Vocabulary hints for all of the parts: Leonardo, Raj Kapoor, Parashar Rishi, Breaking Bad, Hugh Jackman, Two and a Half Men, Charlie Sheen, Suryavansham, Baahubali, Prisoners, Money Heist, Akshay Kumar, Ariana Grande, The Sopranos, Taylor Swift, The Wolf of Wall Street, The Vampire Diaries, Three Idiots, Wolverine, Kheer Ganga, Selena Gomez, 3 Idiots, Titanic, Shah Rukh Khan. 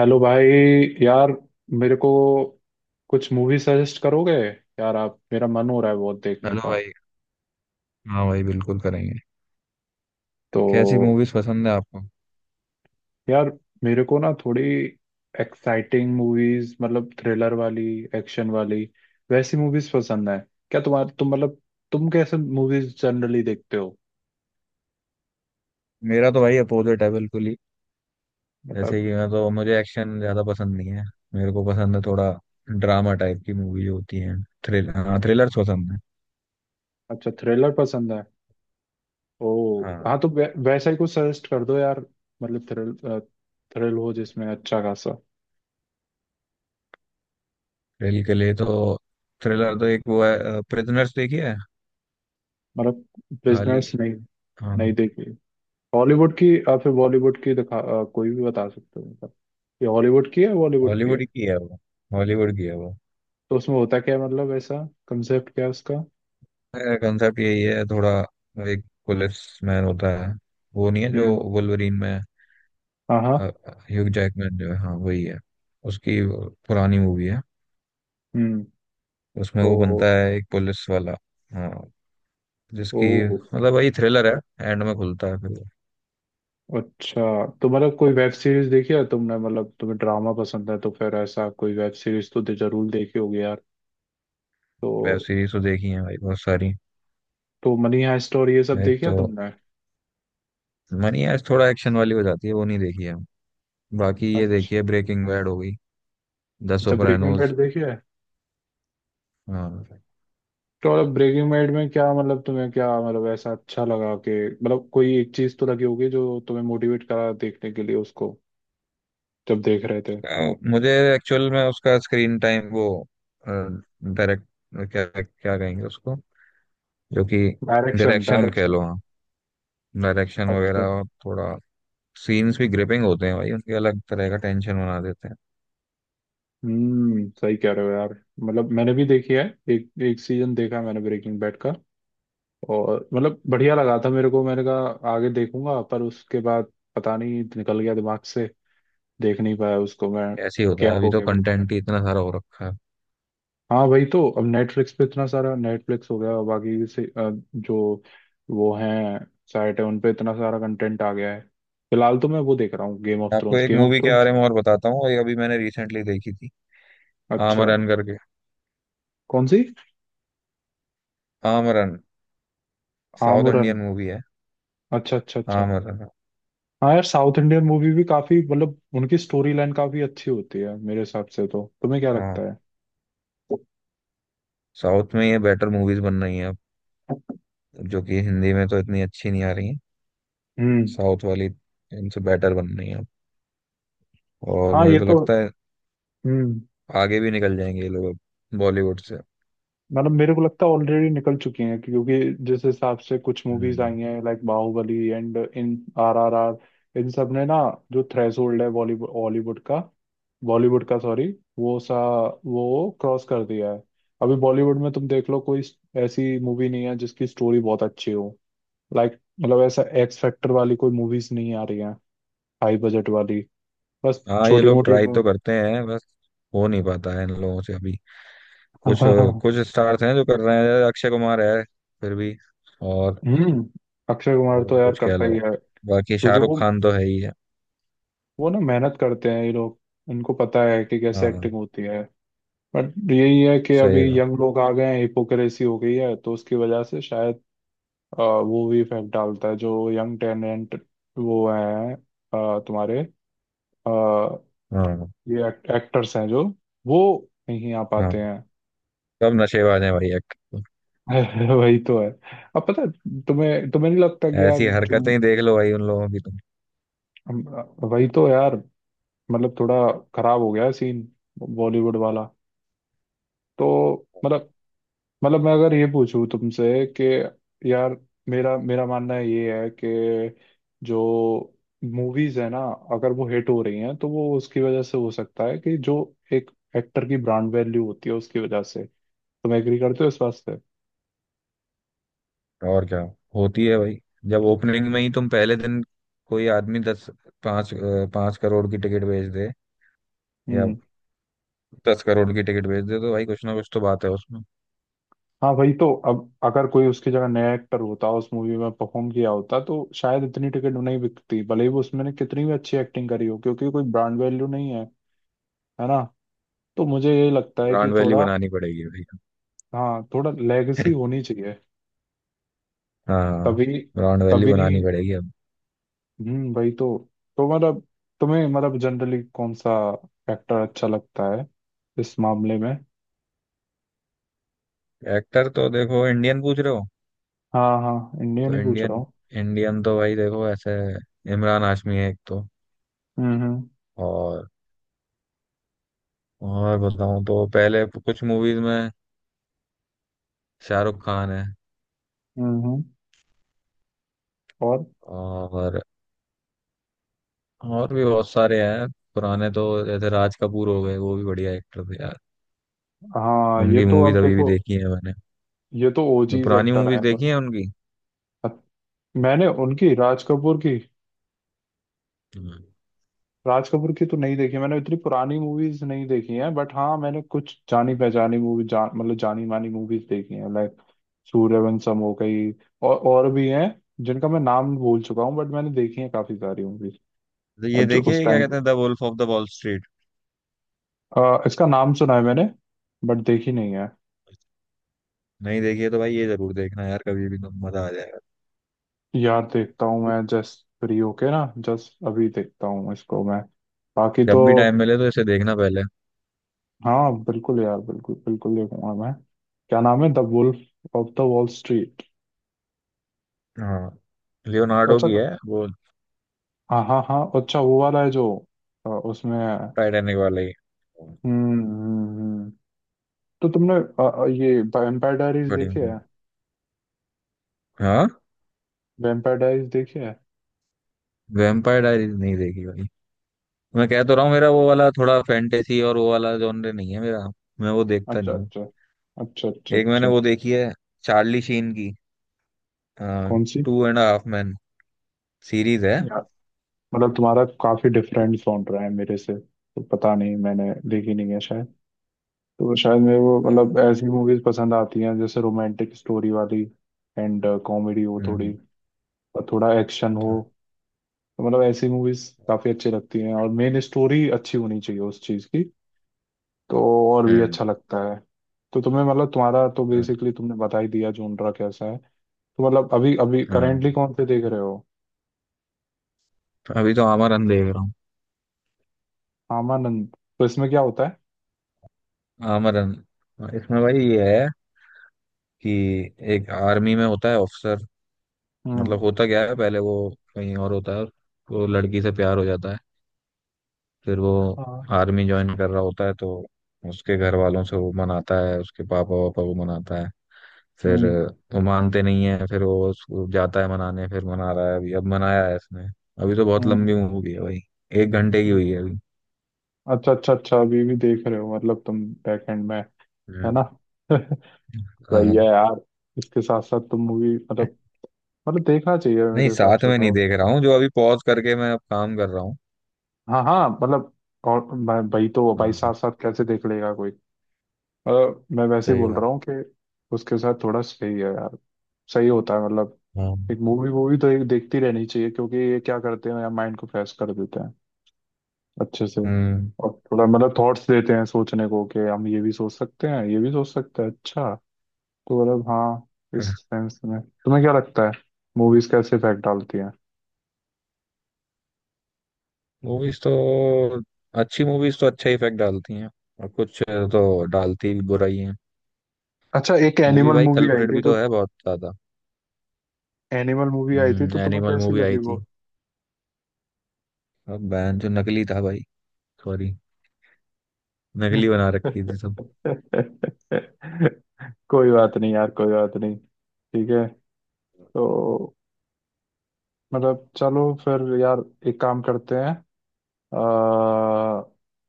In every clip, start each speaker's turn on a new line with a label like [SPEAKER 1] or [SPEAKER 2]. [SPEAKER 1] Hello भाई। यार मेरे को कुछ मूवी सजेस्ट करोगे यार? आप मेरा मन हो रहा है बहुत देखने
[SPEAKER 2] हेलो
[SPEAKER 1] का।
[SPEAKER 2] भाई। हाँ भाई, बिल्कुल करेंगे। कैसी
[SPEAKER 1] तो
[SPEAKER 2] मूवीज पसंद है आपको?
[SPEAKER 1] यार मेरे को ना थोड़ी एक्साइटिंग मूवीज, मतलब थ्रिलर वाली, एक्शन वाली, वैसी मूवीज पसंद है। क्या तुम मतलब तुम कैसे मूवीज जनरली देखते हो?
[SPEAKER 2] मेरा तो भाई अपोजिट है बिल्कुल ही। जैसे
[SPEAKER 1] मतलब।
[SPEAKER 2] कि मैं तो, मुझे एक्शन ज्यादा पसंद नहीं है। मेरे को पसंद है थोड़ा ड्रामा टाइप की मूवी जो होती है। थ्रिल हाँ, थ्रिलर्स पसंद है।
[SPEAKER 1] अच्छा, थ्रिलर पसंद है। ओ हाँ,
[SPEAKER 2] हाँ,
[SPEAKER 1] तो वैसा ही कुछ सजेस्ट कर दो यार। मतलब थ्रिल, थ्रिल हो जिसमें अच्छा खासा।
[SPEAKER 2] थ्रिल के लिए तो थ्रिलर तो एक वो है, प्रिजनर्स देखी है?
[SPEAKER 1] मतलब
[SPEAKER 2] खाली।
[SPEAKER 1] बिजनेस? नहीं, नहीं
[SPEAKER 2] हाँ,
[SPEAKER 1] देखी। हॉलीवुड की या फिर बॉलीवुड की दिखा, कोई भी बता सकते हो मतलब। ये हॉलीवुड की है, बॉलीवुड की है?
[SPEAKER 2] हॉलीवुड की है वो। हॉलीवुड की है वो।
[SPEAKER 1] तो उसमें होता क्या है, मतलब ऐसा कंसेप्ट क्या है उसका?
[SPEAKER 2] कंसेप्ट यही है थोड़ा। एक पुलिस मैन होता है। वो नहीं है जो
[SPEAKER 1] हम्म।
[SPEAKER 2] वुल्वरीन में है,
[SPEAKER 1] हाँ, हाँ।
[SPEAKER 2] ह्यूग जैकमैन जो है, हाँ वही है। उसकी वो पुरानी मूवी है।
[SPEAKER 1] हम्म।
[SPEAKER 2] उसमें
[SPEAKER 1] तो
[SPEAKER 2] वो बनता है एक पुलिस वाला। हाँ,
[SPEAKER 1] ओ,
[SPEAKER 2] जिसकी मतलब वही थ्रिलर है, एंड में खुलता है फिर।
[SPEAKER 1] अच्छा। तो मतलब कोई वेब सीरीज देखी है तुमने? मतलब तुम्हें ड्रामा पसंद है तो फिर ऐसा कोई वेब सीरीज तो जरूर देखी होगी यार।
[SPEAKER 2] वेब
[SPEAKER 1] तो
[SPEAKER 2] सीरीज तो देखी है भाई बहुत सारी।
[SPEAKER 1] तो मनी हाइस्ट और ये सब
[SPEAKER 2] एक
[SPEAKER 1] देखी
[SPEAKER 2] तो
[SPEAKER 1] है तुमने?
[SPEAKER 2] मनी हाइस्ट थोड़ा एक्शन वाली हो जाती है, वो नहीं देखी है। बाकी ये
[SPEAKER 1] अच्छा।
[SPEAKER 2] देखी है, ब्रेकिंग बैड हो गई, द
[SPEAKER 1] अच्छा, ब्रेकिंग
[SPEAKER 2] सोpranos।
[SPEAKER 1] बैड देखी है।
[SPEAKER 2] हाँ।
[SPEAKER 1] तो मतलब ब्रेकिंग बैड में क्या, मतलब तुम्हें क्या, मतलब ऐसा अच्छा लगा कि... मतलब कोई एक चीज तो लगी होगी जो तुम्हें मोटिवेट करा देखने के लिए उसको, जब देख रहे थे।
[SPEAKER 2] उसका मुझे एक्चुअल में उसका स्क्रीन टाइम वो, डायरेक्ट, क्या क्या कहेंगे उसको, जो कि,
[SPEAKER 1] डायरेक्शन,
[SPEAKER 2] डायरेक्शन कह
[SPEAKER 1] डायरेक्शन।
[SPEAKER 2] लो, हाँ, डायरेक्शन
[SPEAKER 1] अच्छा।
[SPEAKER 2] वगैरह थोड़ा। सीन्स भी ग्रिपिंग होते हैं भाई उनके, अलग तरह का टेंशन बना देते हैं।
[SPEAKER 1] हम्म, सही कह रहे हो यार। मतलब मैंने भी देखी है। एक एक सीजन देखा मैंने ब्रेकिंग बैड का। और मतलब बढ़िया लगा था मेरे को, मैंने कहा आगे देखूंगा, पर उसके बाद पता नहीं, निकल गया दिमाग से। देख नहीं पाया उसको मैं।
[SPEAKER 2] ऐसे ही होता है,
[SPEAKER 1] गैप
[SPEAKER 2] अभी
[SPEAKER 1] हो
[SPEAKER 2] तो
[SPEAKER 1] गया बीच।
[SPEAKER 2] कंटेंट ही इतना सारा हो रखा है।
[SPEAKER 1] हाँ वही तो। अब नेटफ्लिक्स पे इतना सारा, नेटफ्लिक्स हो गया, बाकी से जो वो हैं साइट है, उन पे इतना सारा कंटेंट आ गया है। फिलहाल तो मैं वो देख रहा हूँ, गेम ऑफ
[SPEAKER 2] मैं आपको
[SPEAKER 1] थ्रोन्स,
[SPEAKER 2] एक
[SPEAKER 1] गेम ऑफ
[SPEAKER 2] मूवी के
[SPEAKER 1] थ्रोन्स।
[SPEAKER 2] बारे में और बताता हूँ, ये अभी मैंने रिसेंटली देखी थी।
[SPEAKER 1] अच्छा।
[SPEAKER 2] आमरन करके।
[SPEAKER 1] कौन सी?
[SPEAKER 2] Amaran, south
[SPEAKER 1] Amaran.
[SPEAKER 2] Indian movie है।
[SPEAKER 1] अच्छा, अच्छा, अच्छा।
[SPEAKER 2] आमरन।
[SPEAKER 1] हाँ यार, साउथ इंडियन मूवी भी काफी, मतलब उनकी स्टोरी लाइन काफी अच्छी होती है मेरे हिसाब से। तो तुम्हें क्या
[SPEAKER 2] हाँ,
[SPEAKER 1] लगता है?
[SPEAKER 2] साउथ में ये बेटर मूवीज बन रही हैं अब। जो कि हिंदी में तो इतनी अच्छी नहीं आ रही हैं।
[SPEAKER 1] हम्म।
[SPEAKER 2] साउथ वाली इनसे बेटर बन रही हैं अब। और
[SPEAKER 1] हाँ
[SPEAKER 2] मुझे
[SPEAKER 1] ये
[SPEAKER 2] तो
[SPEAKER 1] तो।
[SPEAKER 2] लगता है
[SPEAKER 1] हम्म।
[SPEAKER 2] आगे भी निकल जाएंगे ये लोग अब बॉलीवुड से।
[SPEAKER 1] मतलब मेरे को लगता है ऑलरेडी निकल चुकी हैं, क्योंकि जिस हिसाब से कुछ मूवीज
[SPEAKER 2] हम्म।
[SPEAKER 1] आई हैं, लाइक बाहुबली एंड इन, आर आर आर, इन सब ने ना, जो थ्रेशोल्ड है बॉलीवुड हॉलीवुड का, बॉलीवुड का, सॉरी, वो सा वो क्रॉस कर दिया है। अभी बॉलीवुड में तुम देख लो, कोई ऐसी मूवी नहीं है जिसकी स्टोरी बहुत अच्छी हो। लाइक मतलब, ऐसा एक्स फैक्टर वाली कोई मूवीज नहीं आ रही हैं, हाई बजट वाली। बस
[SPEAKER 2] हाँ, ये
[SPEAKER 1] छोटी
[SPEAKER 2] लोग
[SPEAKER 1] मोटी।
[SPEAKER 2] ट्राई तो करते हैं बस, हो नहीं पाता है इन लोगों से अभी। कुछ कुछ स्टार्स हैं जो कर रहे हैं। अक्षय कुमार है फिर भी। और
[SPEAKER 1] हम्म। अक्षय कुमार
[SPEAKER 2] और
[SPEAKER 1] तो
[SPEAKER 2] भी
[SPEAKER 1] यार
[SPEAKER 2] कुछ कह
[SPEAKER 1] करता
[SPEAKER 2] लो।
[SPEAKER 1] ही है।
[SPEAKER 2] बाकी
[SPEAKER 1] क्योंकि
[SPEAKER 2] शाहरुख
[SPEAKER 1] वो
[SPEAKER 2] खान तो है ही है।
[SPEAKER 1] वो ना, मेहनत करते हैं ये लोग। उनको पता है कि कैसे एक्टिंग
[SPEAKER 2] हाँ,
[SPEAKER 1] होती है। बट यही है कि
[SPEAKER 2] सही
[SPEAKER 1] अभी
[SPEAKER 2] बात।
[SPEAKER 1] यंग लोग आ गए हैं, हिपोक्रेसी हो गई है तो उसकी वजह से शायद वो भी इफेक्ट डालता है, जो यंग टैलेंट वो हैं, तुम्हारे, अ,
[SPEAKER 2] हाँ
[SPEAKER 1] ये एक्टर्स हैं जो वो नहीं आ
[SPEAKER 2] हाँ,
[SPEAKER 1] पाते हैं।
[SPEAKER 2] सब नशेबाज हैं भाई एक्टर।
[SPEAKER 1] वही तो है। अब पता है, तुम्हें तुम्हें नहीं लगता कि यार
[SPEAKER 2] ऐसी
[SPEAKER 1] जो
[SPEAKER 2] हरकतें ही देख लो भाई उन लोगों की तुम।
[SPEAKER 1] हम- वही तो यार। मतलब थोड़ा खराब हो गया है सीन, बॉलीवुड वाला। तो मतलब मतलब मैं अगर ये पूछूं तुमसे कि यार, मेरा मेरा मानना ये है कि जो मूवीज है ना, अगर वो हिट हो रही हैं तो वो उसकी वजह से हो सकता है कि जो एक एक्टर की ब्रांड वैल्यू होती है, उसकी वजह से। तुम एग्री करते हो इस बात से?
[SPEAKER 2] और क्या, होती है भाई। जब ओपनिंग में ही तुम पहले दिन कोई आदमी दस, पाँच पाँच करोड़ की टिकट बेच दे या
[SPEAKER 1] हम्म।
[SPEAKER 2] दस करोड़ की टिकट बेच दे, तो भाई कुछ ना कुछ तो बात है उसमें।
[SPEAKER 1] हाँ भाई, तो अब अगर कोई उसकी जगह नया एक्टर होता, उस मूवी में परफॉर्म किया होता, तो शायद इतनी टिकट नहीं बिकती, भले ही वो उसमें ने कितनी भी अच्छी एक्टिंग करी हो, क्योंकि कोई ब्रांड वैल्यू नहीं है। है ना? तो मुझे ये लगता है कि
[SPEAKER 2] ब्रांड वैल्यू
[SPEAKER 1] थोड़ा...
[SPEAKER 2] बनानी पड़ेगी भाई।
[SPEAKER 1] हाँ, थोड़ा लेगेसी होनी चाहिए।
[SPEAKER 2] हाँ,
[SPEAKER 1] तभी।
[SPEAKER 2] ब्रांड वैल्यू
[SPEAKER 1] तभी।
[SPEAKER 2] बनानी पड़ेगी अब।
[SPEAKER 1] भाई। तो मतलब तुम्हें, मतलब जनरली कौन सा एक्टर अच्छा लगता है इस मामले में?
[SPEAKER 2] एक्टर तो देखो, इंडियन पूछ रहे हो?
[SPEAKER 1] हाँ, हाँ, इंडिया
[SPEAKER 2] तो
[SPEAKER 1] नहीं पूछ रहा
[SPEAKER 2] इंडियन
[SPEAKER 1] हूँ।
[SPEAKER 2] इंडियन तो भाई देखो ऐसे, इमरान हाशमी है एक तो।
[SPEAKER 1] हम्म, हम्म,
[SPEAKER 2] और और बताऊं तो पहले कुछ मूवीज में शाहरुख खान है।
[SPEAKER 1] हम्म, हम्म, और।
[SPEAKER 2] और और भी बहुत सारे हैं। पुराने तो जैसे राज कपूर हो गए, वो भी बढ़िया एक्टर थे यार।
[SPEAKER 1] हाँ ये
[SPEAKER 2] उनकी
[SPEAKER 1] तो। अब
[SPEAKER 2] मूवीज अभी भी
[SPEAKER 1] देखो,
[SPEAKER 2] देखी है मैंने,
[SPEAKER 1] ये तो
[SPEAKER 2] जो
[SPEAKER 1] ओजीज
[SPEAKER 2] पुरानी
[SPEAKER 1] एक्टर है।
[SPEAKER 2] मूवीज देखी है उनकी।
[SPEAKER 1] मैंने उनकी राज कपूर की,
[SPEAKER 2] हम्म।
[SPEAKER 1] राज कपूर की तो नहीं देखी मैंने, इतनी पुरानी मूवीज नहीं देखी हैं। बट हाँ, मैंने कुछ जानी पहचानी मूवी, जान मतलब जानी मानी मूवीज देखी हैं, लाइक सूर्यवंशम हो गई, और भी हैं जिनका मैं नाम भूल चुका हूँ, बट मैंने देखी है काफी सारी मूवीज
[SPEAKER 2] तो ये
[SPEAKER 1] जो उस
[SPEAKER 2] देखिए क्या
[SPEAKER 1] टाइम...
[SPEAKER 2] कहते हैं, the wolf of the wall street.
[SPEAKER 1] इसका नाम सुना है मैंने, बट देखी नहीं है।
[SPEAKER 2] नहीं देखिए तो भाई ये जरूर देखना यार, कभी भी तो मजा आ जाएगा।
[SPEAKER 1] यार देखता हूँ मैं जस्ट फ्री होके ना, जस्ट अभी देखता हूँ इसको मैं। बाकी
[SPEAKER 2] जब
[SPEAKER 1] तो।
[SPEAKER 2] भी टाइम मिले तो इसे देखना पहले।
[SPEAKER 1] हाँ बिल्कुल यार, बिल्कुल बिल्कुल देखूंगा मैं। क्या नाम है? The wolf of the wall street.
[SPEAKER 2] हाँ, लियोनार्डो
[SPEAKER 1] अच्छा।
[SPEAKER 2] की है वो।
[SPEAKER 1] हाँ, हाँ, हाँ, अच्छा, वो वाला है जो उसमें है।
[SPEAKER 2] टाइटैनिक वाला ही।
[SPEAKER 1] हम्म, हम्म, तो तुमने ये वैम्पायर डायरीज
[SPEAKER 2] बढ़िया।
[SPEAKER 1] देखी है?
[SPEAKER 2] हाँ,
[SPEAKER 1] वैम्पायर डायरीज देखी है?
[SPEAKER 2] वैम्पायर डायरीज नहीं देखी भाई। मैं कह तो रहा हूँ, मेरा वो वाला थोड़ा फैंटेसी और वो वाला जॉनर नहीं है मेरा, मैं वो देखता
[SPEAKER 1] अच्छा,
[SPEAKER 2] नहीं हूँ।
[SPEAKER 1] अच्छा, अच्छा। अच्छा,
[SPEAKER 2] एक मैंने
[SPEAKER 1] अच्छा।
[SPEAKER 2] वो देखी है चार्ली शीन की,
[SPEAKER 1] कौन सी?
[SPEAKER 2] Two and half man, series है।
[SPEAKER 1] यार मतलब, तुम्हारा काफी डिफरेंट साउंड रहा है मेरे से, तो पता नहीं, मैंने देखी नहीं है शायद। तो शायद मेरे को
[SPEAKER 2] हाँ।
[SPEAKER 1] मतलब ऐसी मूवीज पसंद आती हैं जैसे रोमांटिक स्टोरी वाली, एंड कॉमेडी हो
[SPEAKER 2] हम्म।
[SPEAKER 1] थोड़ी, और थोड़ा एक्शन हो। तो मतलब ऐसी मूवीज
[SPEAKER 2] हाँ,
[SPEAKER 1] काफी अच्छी लगती हैं, और मेन स्टोरी अच्छी होनी चाहिए उस चीज की। तो और भी
[SPEAKER 2] हम्म,
[SPEAKER 1] अच्छा लगता है। तो तुम्हें मतलब, तुम्हारा तो
[SPEAKER 2] हाँ
[SPEAKER 1] बेसिकली तुमने बता ही दिया जोनरा कैसा है। तो मतलब अभी अभी
[SPEAKER 2] हाँ।
[SPEAKER 1] करेंटली कौन से देख रहे हो?
[SPEAKER 2] अभी तो आमरन देख रहा हूँ।
[SPEAKER 1] आमानंद। तो इसमें क्या होता है?
[SPEAKER 2] आमरन। इसमें भाई ये है कि एक आर्मी में होता है ऑफिसर।
[SPEAKER 1] हम्म।
[SPEAKER 2] मतलब होता क्या है, पहले वो कहीं और होता है, वो लड़की से प्यार हो जाता है। फिर वो
[SPEAKER 1] हाँ।
[SPEAKER 2] आर्मी ज्वाइन कर रहा होता है, तो उसके घर वालों से वो मनाता है, उसके पापा वापा को मनाता है। फिर
[SPEAKER 1] हम्म।
[SPEAKER 2] वो मानते नहीं है, फिर वो उसको जाता है मनाने, फिर मना रहा है अभी, अब मनाया है इसने। अभी तो बहुत
[SPEAKER 1] हम्म।
[SPEAKER 2] लंबी मूवी है भाई। एक घंटे की हुई है अभी।
[SPEAKER 1] अच्छा, अच्छा, अच्छा, अभी भी देख रहे हो मतलब तुम, बैक एंड में? है ना?
[SPEAKER 2] हम्म।
[SPEAKER 1] सही
[SPEAKER 2] हाँ।
[SPEAKER 1] है यार। इसके साथ साथ तुम मूवी, मतलब देखना चाहिए मेरे
[SPEAKER 2] नहीं,
[SPEAKER 1] हिसाब
[SPEAKER 2] साथ
[SPEAKER 1] से
[SPEAKER 2] में नहीं
[SPEAKER 1] तो।
[SPEAKER 2] देख रहा हूँ, जो अभी पॉज करके मैं अब काम कर रहा हूँ।
[SPEAKER 1] हाँ, हाँ, मतलब, और मैं भाई, तो
[SPEAKER 2] हाँ
[SPEAKER 1] भाई
[SPEAKER 2] हाँ,
[SPEAKER 1] साथ साथ कैसे देख लेगा कोई? मतलब मैं वैसे ही
[SPEAKER 2] सही
[SPEAKER 1] बोल
[SPEAKER 2] बात।
[SPEAKER 1] रहा हूँ कि उसके साथ थोड़ा सही है यार, सही होता है मतलब।
[SPEAKER 2] हाँ।
[SPEAKER 1] एक मूवी वूवी तो एक देखती रहनी चाहिए, क्योंकि ये क्या करते हैं यार, माइंड को फ्रेश कर देते हैं अच्छे से।
[SPEAKER 2] हम्म।
[SPEAKER 1] और थोड़ा मतलब थॉट्स देते हैं सोचने को, कि हम ये भी सोच सकते हैं, ये भी सोच सकते हैं। अच्छा। तो मतलब हाँ, इस सेंस में तुम्हें क्या लगता है, मूवीज कैसे इफेक्ट डालती हैं?
[SPEAKER 2] मूवीज तो, अच्छी मूवीज तो अच्छा इफेक्ट डालती हैं। और कुछ तो डालती भी बुरा ही है।
[SPEAKER 1] अच्छा, एक
[SPEAKER 2] मूवी
[SPEAKER 1] एनिमल
[SPEAKER 2] भाई
[SPEAKER 1] मूवी आई
[SPEAKER 2] कल्प्रेट
[SPEAKER 1] थी
[SPEAKER 2] भी
[SPEAKER 1] तो...
[SPEAKER 2] तो है बहुत ज्यादा।
[SPEAKER 1] एनिमल मूवी आई थी तो तुम्हें
[SPEAKER 2] एनिमल
[SPEAKER 1] कैसी
[SPEAKER 2] मूवी आई
[SPEAKER 1] लगी
[SPEAKER 2] थी।
[SPEAKER 1] वो?
[SPEAKER 2] अब बैन जो नकली था भाई, सॉरी, नकली बना रखी थी सब।
[SPEAKER 1] कोई बात नहीं यार, कोई बात नहीं, ठीक है। तो मतलब चलो फिर यार, एक काम करते हैं। आ,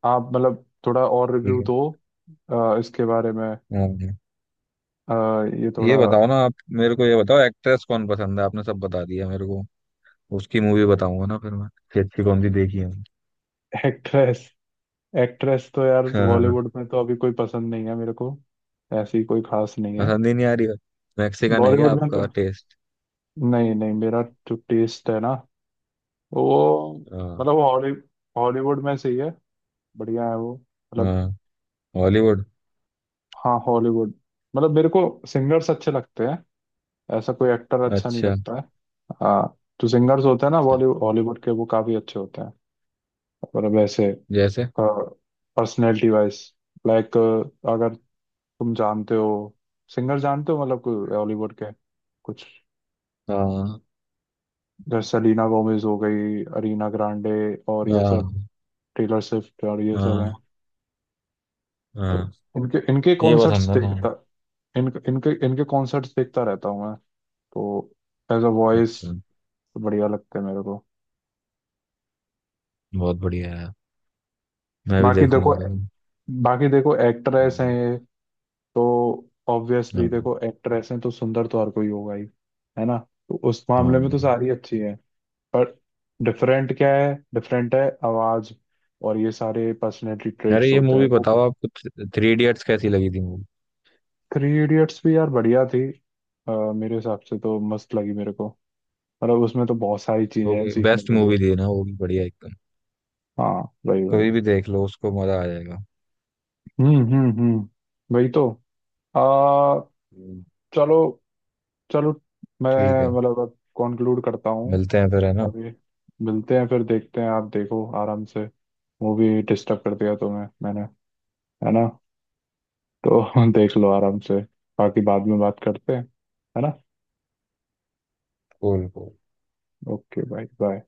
[SPEAKER 1] आप मतलब थोड़ा और
[SPEAKER 2] ठीक
[SPEAKER 1] रिव्यू
[SPEAKER 2] है।
[SPEAKER 1] दो, इसके बारे में,
[SPEAKER 2] हाँ, हाँ।
[SPEAKER 1] ये थोड़ा।
[SPEAKER 2] ये बताओ ना आप, मेरे को ये बताओ एक्ट्रेस कौन पसंद है? आपने सब बता दिया मेरे को, उसकी मूवी बताऊंगा ना फिर मैं, कि अच्छी कौन सी देखी है।
[SPEAKER 1] एक्ट्रेस? एक्ट्रेस तो यार,
[SPEAKER 2] हाँ, हाँ, हाँ।
[SPEAKER 1] बॉलीवुड में तो अभी कोई पसंद नहीं है मेरे को। ऐसी कोई खास नहीं है
[SPEAKER 2] पसंद ही नहीं आ रही। मैक्सिकन है क्या
[SPEAKER 1] बॉलीवुड में
[SPEAKER 2] आपका
[SPEAKER 1] तो।
[SPEAKER 2] टेस्ट?
[SPEAKER 1] नहीं, नहीं, मेरा जो टेस्ट है ना वो
[SPEAKER 2] हाँ।
[SPEAKER 1] मतलब हॉलीवुड में से ही है, बढ़िया है वो मतलब।
[SPEAKER 2] हाँ, हॉलीवुड।
[SPEAKER 1] हाँ, हॉलीवुड। मतलब मेरे को सिंगर्स अच्छे लगते हैं, ऐसा कोई एक्टर अच्छा नहीं
[SPEAKER 2] अच्छा।
[SPEAKER 1] लगता है। हाँ, जो सिंगर्स होते हैं ना
[SPEAKER 2] अच्छा।
[SPEAKER 1] बॉलीवुड हॉलीवुड के, वो काफी अच्छे होते हैं मतलब ऐसे
[SPEAKER 2] जैसे।
[SPEAKER 1] पर्सनैलिटी वाइज, लाइक अगर तुम जानते हो सिंगर, जानते हो मतलब कोई
[SPEAKER 2] हाँ।
[SPEAKER 1] हॉलीवुड के, कुछ जैसे सेलिना गोमेज हो गई, अरीना ग्रांडे और ये सब,
[SPEAKER 2] हाँ।
[SPEAKER 1] टेलर स्विफ्ट और ये सब हैं।
[SPEAKER 2] हाँ,
[SPEAKER 1] तो
[SPEAKER 2] हाँ,
[SPEAKER 1] इनके इनके
[SPEAKER 2] ये
[SPEAKER 1] कॉन्सर्ट्स
[SPEAKER 2] पसंद है ना?
[SPEAKER 1] देखता, इन इनके इनके कॉन्सर्ट्स देखता रहता हूँ मैं। तो एज अ वॉइस
[SPEAKER 2] अच्छा,
[SPEAKER 1] बढ़िया लगते हैं मेरे को।
[SPEAKER 2] बहुत बढ़िया है। मैं भी
[SPEAKER 1] बाकी देखो
[SPEAKER 2] देखूंगा तो।
[SPEAKER 1] बाकी देखो, एक्ट्रेस हैं
[SPEAKER 2] हम्म,
[SPEAKER 1] ये, तो ऑब्वियसली
[SPEAKER 2] हाँ,
[SPEAKER 1] देखो, एक्ट्रेस हैं तो सुंदर तो हर कोई होगा ही। है ना? तो उस मामले
[SPEAKER 2] हाँ।
[SPEAKER 1] में तो सारी अच्छी है। पर डिफरेंट क्या है? डिफरेंट है आवाज, और ये सारे पर्सनैलिटी
[SPEAKER 2] अरे,
[SPEAKER 1] ट्रेट्स
[SPEAKER 2] ये
[SPEAKER 1] होते हैं
[SPEAKER 2] मूवी
[SPEAKER 1] वो।
[SPEAKER 2] बताओ आपको, थ्री इडियट्स कैसी लगी थी मूवी?
[SPEAKER 1] थ्री इडियट्स भी यार बढ़िया थी, मेरे हिसाब से तो मस्त लगी मेरे को। मतलब उसमें तो बहुत सारी चीजें
[SPEAKER 2] वो
[SPEAKER 1] हैं
[SPEAKER 2] भी
[SPEAKER 1] सीखने
[SPEAKER 2] बेस्ट
[SPEAKER 1] के
[SPEAKER 2] मूवी
[SPEAKER 1] लिए।
[SPEAKER 2] थी ना, वो भी बढ़िया एकदम।
[SPEAKER 1] हाँ वही,
[SPEAKER 2] कभी
[SPEAKER 1] वही।
[SPEAKER 2] भी देख लो उसको, मजा आ जाएगा।
[SPEAKER 1] हम्म, हम्म, हम्म। वही तो।
[SPEAKER 2] हम्म,
[SPEAKER 1] चलो, चलो, मैं
[SPEAKER 2] ठीक है।
[SPEAKER 1] मतलब अब कंक्लूड करता हूँ।
[SPEAKER 2] मिलते हैं फिर, है ना?
[SPEAKER 1] अभी मिलते हैं फिर, देखते हैं। आप देखो आराम से, मूवी डिस्टर्ब कर दिया तुम्हें मैंने, है ना? तो देख लो आराम से। बाकी बाद में बात करते हैं, है ना?
[SPEAKER 2] कूल।
[SPEAKER 1] Okay, bye bye.